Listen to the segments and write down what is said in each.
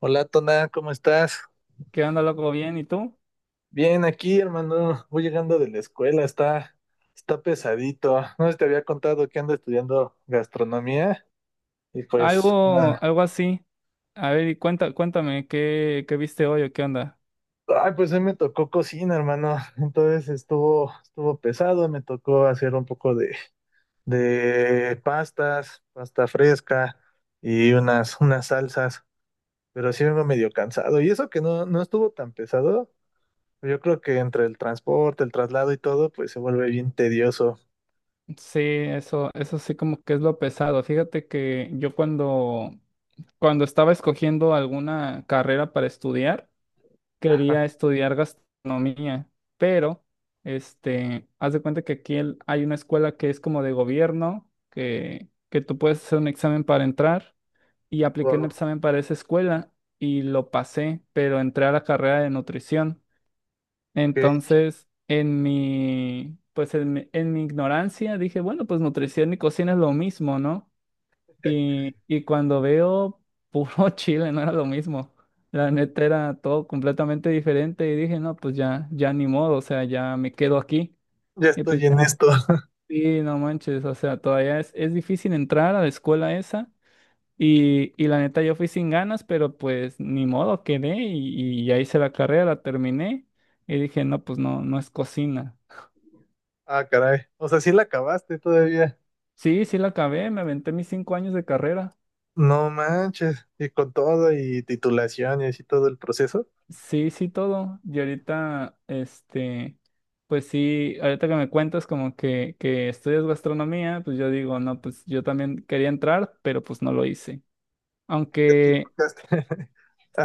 Hola, Tona, ¿cómo estás? ¿Qué onda, loco? Bien, ¿y tú? Bien, aquí, hermano. Voy llegando de la escuela, está pesadito. No sé si te había contado que ando estudiando gastronomía y pues, Algo así. A ver, y cuéntame, ¿ qué viste hoy o qué onda? ah, ay, pues hoy me tocó cocina, hermano. Entonces estuvo pesado, me tocó hacer un poco de pastas, pasta fresca y unas salsas, pero sí vengo medio cansado. Y eso que no, no estuvo tan pesado, yo creo que entre el transporte, el traslado y todo, pues se vuelve bien tedioso. Sí, eso sí como que es lo pesado. Fíjate que yo cuando estaba escogiendo alguna carrera para estudiar, Ah, quería estudiar gastronomía, pero, haz de cuenta que hay una escuela que es como de gobierno, que tú puedes hacer un examen para entrar y apliqué un wow, examen para esa escuela y lo pasé, pero entré a la carrera de nutrición. que Entonces, pues en mi ignorancia dije, bueno, pues nutrición y cocina es lo mismo, ¿no? Y cuando veo puro chile, no era lo mismo. La neta era todo completamente diferente y dije, no, pues ya, ya ni modo, o sea, ya me quedo aquí. ya Y pues estoy ya, en esto. sí, no manches, o sea, todavía es difícil entrar a la escuela esa. Y la neta yo fui sin ganas, pero pues ni modo, quedé y ya hice la carrera, la terminé y dije, no, pues no, no es cocina. Ah, caray. O sea, sí la acabaste todavía. Sí, sí la acabé, me aventé mis 5 años de carrera. No manches. Y con todo y titulación y así todo el proceso. Sí, sí todo. Y ahorita, pues sí, ahorita que me cuentas como que estudias gastronomía, pues yo digo, no, pues yo también quería entrar, pero pues no lo hice. Te Aunque equivocaste.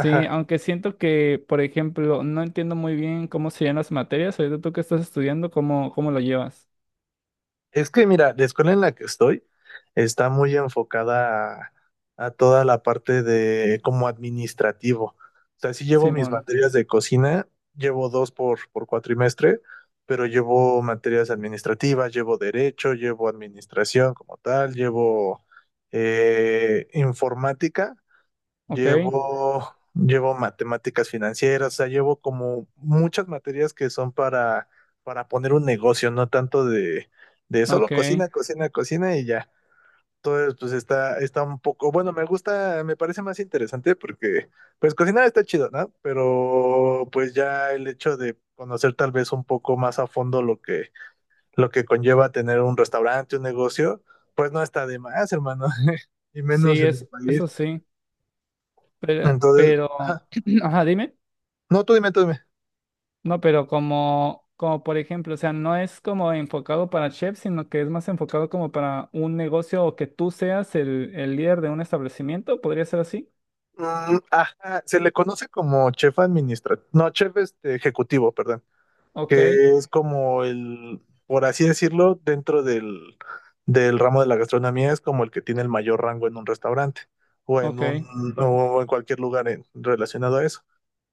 sí, aunque siento que, por ejemplo, no entiendo muy bien cómo serían las materias. Ahorita tú que estás estudiando, ¿ cómo lo llevas, Es que mira, la escuela en la que estoy está muy enfocada a toda la parte de como administrativo. O sea, sí llevo mis Simón? materias de cocina, llevo dos por cuatrimestre, pero llevo materias administrativas, llevo derecho, llevo administración como tal, llevo informática. Ok, Llevo matemáticas financieras, o sea, llevo como muchas materias que son para poner un negocio, no tanto de solo ok. cocina, cocina, cocina y ya. Entonces, pues está un poco, bueno, me gusta, me parece más interesante porque, pues cocinar está chido, ¿no? Pero pues ya el hecho de conocer tal vez un poco más a fondo lo que conlleva tener un restaurante, un negocio, pues no está de más, hermano, y menos Sí, en el país. eso sí. Entonces, Pero, ajá. ajá, dime. No, tú dime, tú dime. No, pero como por ejemplo, o sea, no es como enfocado para chefs, sino que es más enfocado como para un negocio o que tú seas el líder de un establecimiento. ¿Podría ser así? Mm, ajá, se le conoce como chef administrativo, no, chef ejecutivo, perdón, Ok, que es como el, por así decirlo, dentro del ramo de la gastronomía, es como el que tiene el mayor rango en un restaurante o ok, en cualquier lugar relacionado a eso.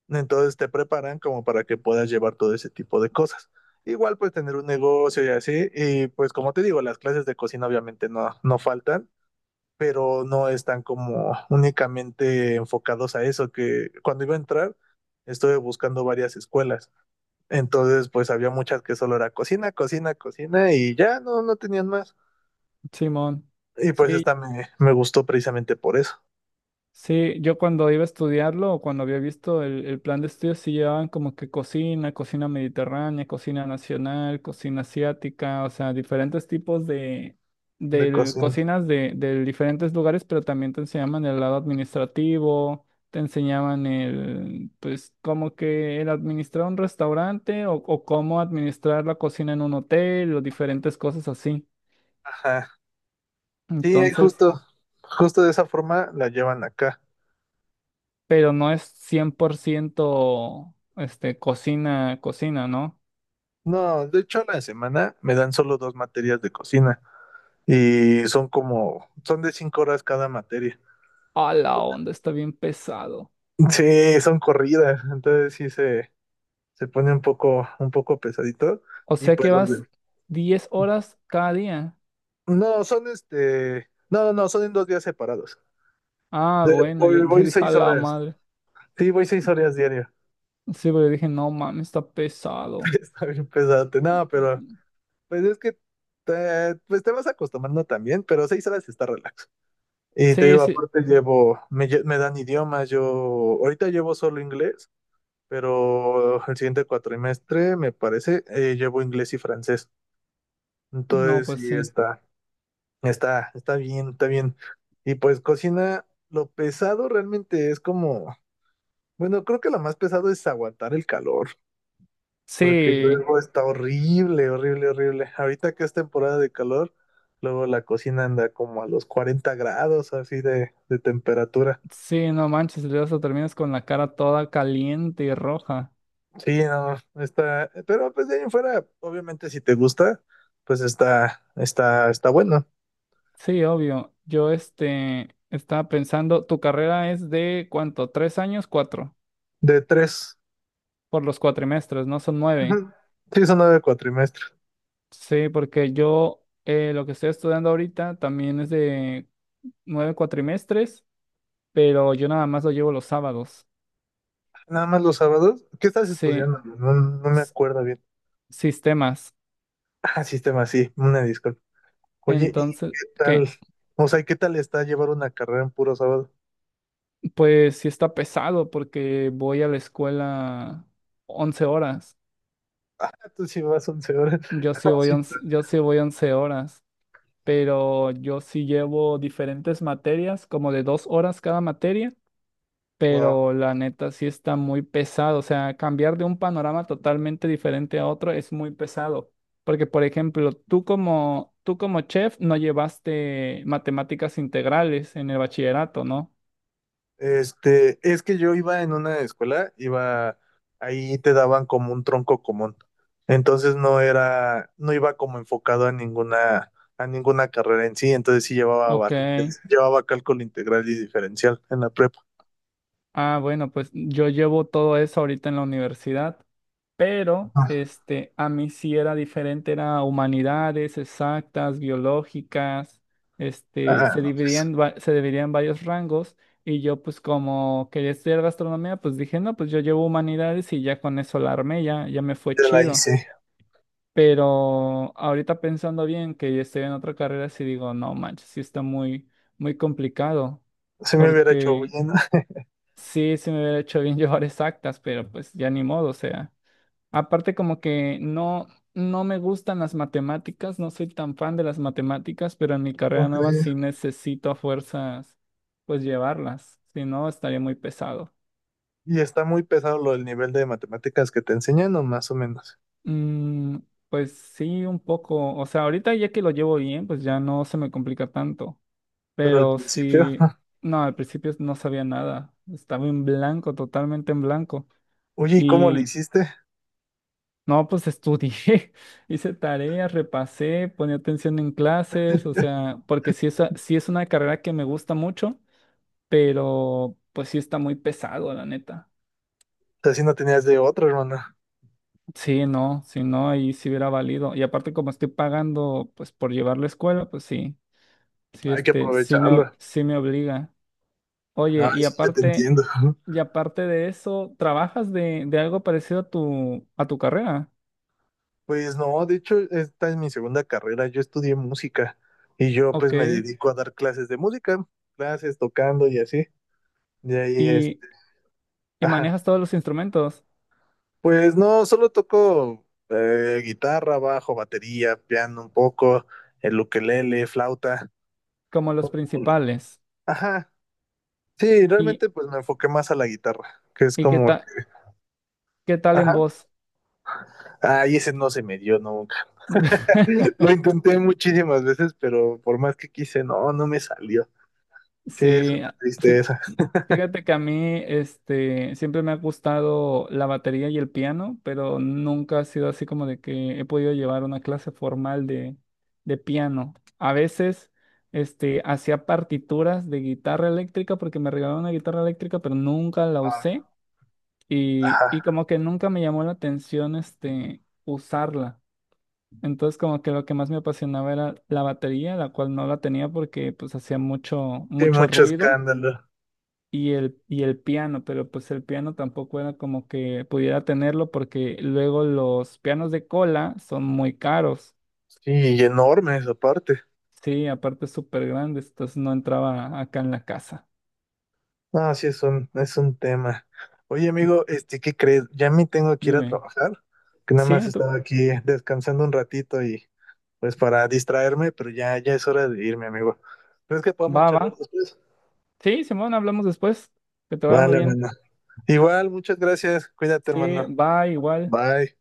Entonces te preparan como para que puedas llevar todo ese tipo de cosas. Igual pues tener un negocio y así, y pues como te digo, las clases de cocina obviamente no, no faltan pero no están como únicamente enfocados a eso, que cuando iba a entrar estuve buscando varias escuelas, entonces pues había muchas que solo era cocina, cocina, cocina y ya no, no tenían más. Simón. Y pues Sí. esta me gustó precisamente por eso, Sí, yo cuando iba a estudiarlo o cuando había visto el plan de estudios, sí llevaban como que cocina, cocina mediterránea, cocina nacional, cocina asiática, o sea, diferentes tipos de, de del- cocina. cocinas de diferentes lugares, pero también te enseñaban el lado administrativo, te enseñaban el, pues, como que el administrar un restaurante o cómo administrar la cocina en un hotel o diferentes cosas así. Ajá. Sí, Entonces... justo de esa forma la llevan acá. pero no es 100% cocina, cocina, ¿no? No, de hecho a la semana me dan solo dos materias de cocina y son de 5 horas cada materia. A la onda, está bien pesado. Sí, son corridas, entonces sí se pone un poco pesadito. O Y sea que pues los vas de... 10 horas cada día. No, son no, no, no, son en 2 días separados. Ah, bueno, Voy, yo voy dije a seis la horas. madre. Sí, voy 6 horas diario. Sí, pero dije, no mames, está pesado. Está bien pesado. No, pero pues es que pues te vas acostumbrando también, pero 6 horas está relax. Y te Sí, digo, sí, aparte llevo, me dan idiomas, yo ahorita llevo solo inglés, pero el siguiente cuatrimestre, me parece, llevo inglés y francés. no, Entonces, sí pues sí. está. Está bien, está bien. Y pues cocina, lo pesado realmente es como, bueno, creo que lo más pesado es aguantar el calor, porque Sí, luego está horrible, horrible, horrible. Ahorita que es temporada de calor, luego la cocina anda como a los 40 grados así de temperatura. sí, no manches, luego hasta terminas con la cara toda caliente y roja. Sí, no, está, pero pues de ahí en fuera, obviamente si te gusta, pues está bueno. Sí, obvio. Yo estaba pensando, ¿tu carrera es de cuánto? ¿Tres años? ¿Cuatro? De tres. Por los cuatrimestres, ¿no? Son 9. Ujú. Sí, son 9 cuatrimestres. Sí, porque yo lo que estoy estudiando ahorita también es de 9 cuatrimestres, pero yo nada más lo llevo los sábados. Nada más los sábados. ¿Qué estás Sí, estudiando? No, no me s- acuerdo bien. sistemas. Ah, sistema, sí, una disculpa. Oye, ¿y qué Entonces, tal? ¿qué? O sea, ¿qué tal está llevar una carrera en puro sábado? Pues sí está pesado porque voy a la escuela 11 horas. Ah, tú sí vas 11 horas. Sí. Tú. Yo sí voy 11 horas, pero yo sí llevo diferentes materias, como de 2 horas cada materia Wow. pero la neta sí está muy pesado. O sea, cambiar de un panorama totalmente diferente a otro es muy pesado. Porque, por ejemplo, tú como chef no llevaste matemáticas integrales en el bachillerato, ¿no? Es que yo iba en una escuela, ahí te daban como un tronco común. Entonces no iba como enfocado a ninguna, carrera en sí, entonces sí llevaba Ok. bastante, llevaba cálculo integral y diferencial en la prepa. Ah, bueno, pues yo llevo todo eso ahorita en la universidad. Pero a mí sí era diferente, era humanidades, exactas, biológicas, Ah, se no, pues. dividían, se dividían varios rangos y yo pues como quería estudiar gastronomía, pues dije, no, pues yo llevo humanidades y ya con eso la armé, ya, ya me fue Ya la chido. hice. Pero ahorita pensando bien que yo estoy en otra carrera, sí digo, no manches, sí está muy, muy complicado, Se me hubiera hecho porque bullena, sí, sí me hubiera hecho bien llevar exactas, pero pues ya ni modo, o sea. Aparte, como que no, no me gustan las matemáticas, no soy tan fan de las matemáticas, pero en mi no carrera nueva creo. sí necesito a fuerzas, pues llevarlas, si no estaría muy pesado. Y está muy pesado lo del nivel de matemáticas que te enseñan, o más o menos. Mm, pues sí, un poco, o sea, ahorita ya que lo llevo bien, pues ya no se me complica tanto, Pero al pero principio, sí, no, al principio no sabía nada, estaba en blanco, totalmente en blanco. oye, ¿y cómo le Y hiciste? no, pues estudié, hice tareas, repasé, ponía atención en clases, o sea, porque sí sí es una carrera que me gusta mucho, pero pues sí está muy pesado, la neta. Así no tenías de otra, hermana. Sí, no, si no, ahí sí hubiera valido. Y aparte como estoy pagando, pues por llevar la escuela, pues sí, sí, Hay que sí aprovecharlo. sí me obliga. Oye, Ay, sí, ya te entiendo. y aparte de eso, ¿trabajas de algo parecido a tu carrera? Pues no, de hecho, esta es mi segunda carrera. Yo estudié música y yo pues Ok, me dedico a dar clases de música, clases tocando y así. De ahí, y, y ajá. manejas todos los instrumentos. Pues no, solo toco guitarra, bajo, batería, piano un poco, el ukelele, flauta. Como los principales. Ajá, sí, ¿Y, realmente pues me enfoqué más a la guitarra, que es y qué como... tal, qué tal en Ajá. vos? Ay, ese no se me dio nunca. Lo intenté muchísimas veces, pero por más que quise, no, no me salió. Sí, es una Sí, fí- tristeza. fíjate que a mí siempre me ha gustado la batería y el piano, pero nunca ha sido así como de que he podido llevar una clase formal de piano. A veces hacía partituras de guitarra eléctrica porque me regalaron una guitarra eléctrica, pero nunca la usé Ah, ajá, y como que nunca me llamó la atención usarla. Entonces como que lo que más me apasionaba era la batería, la cual no la tenía porque pues hacía mucho, sí, mucho mucho ruido escándalo. Y el piano, pero pues el piano tampoco era como que pudiera tenerlo porque luego los pianos de cola son muy caros. Sí, y enormes aparte. Sí, aparte súper grandes, entonces no entraba acá en la casa. No, sí, es un tema. Oye, amigo, ¿qué crees? Ya me tengo que ir a Dime, trabajar, que nada sí, más no te- estaba aquí descansando un ratito y pues para distraerme, pero ya es hora de irme, amigo. ¿Crees que podamos va, charlar va. después? Sí, Simón, hablamos después. Que te vaya muy Vale, bien. hermano. Igual, muchas gracias. Cuídate, Sí, hermano. va igual. Bye.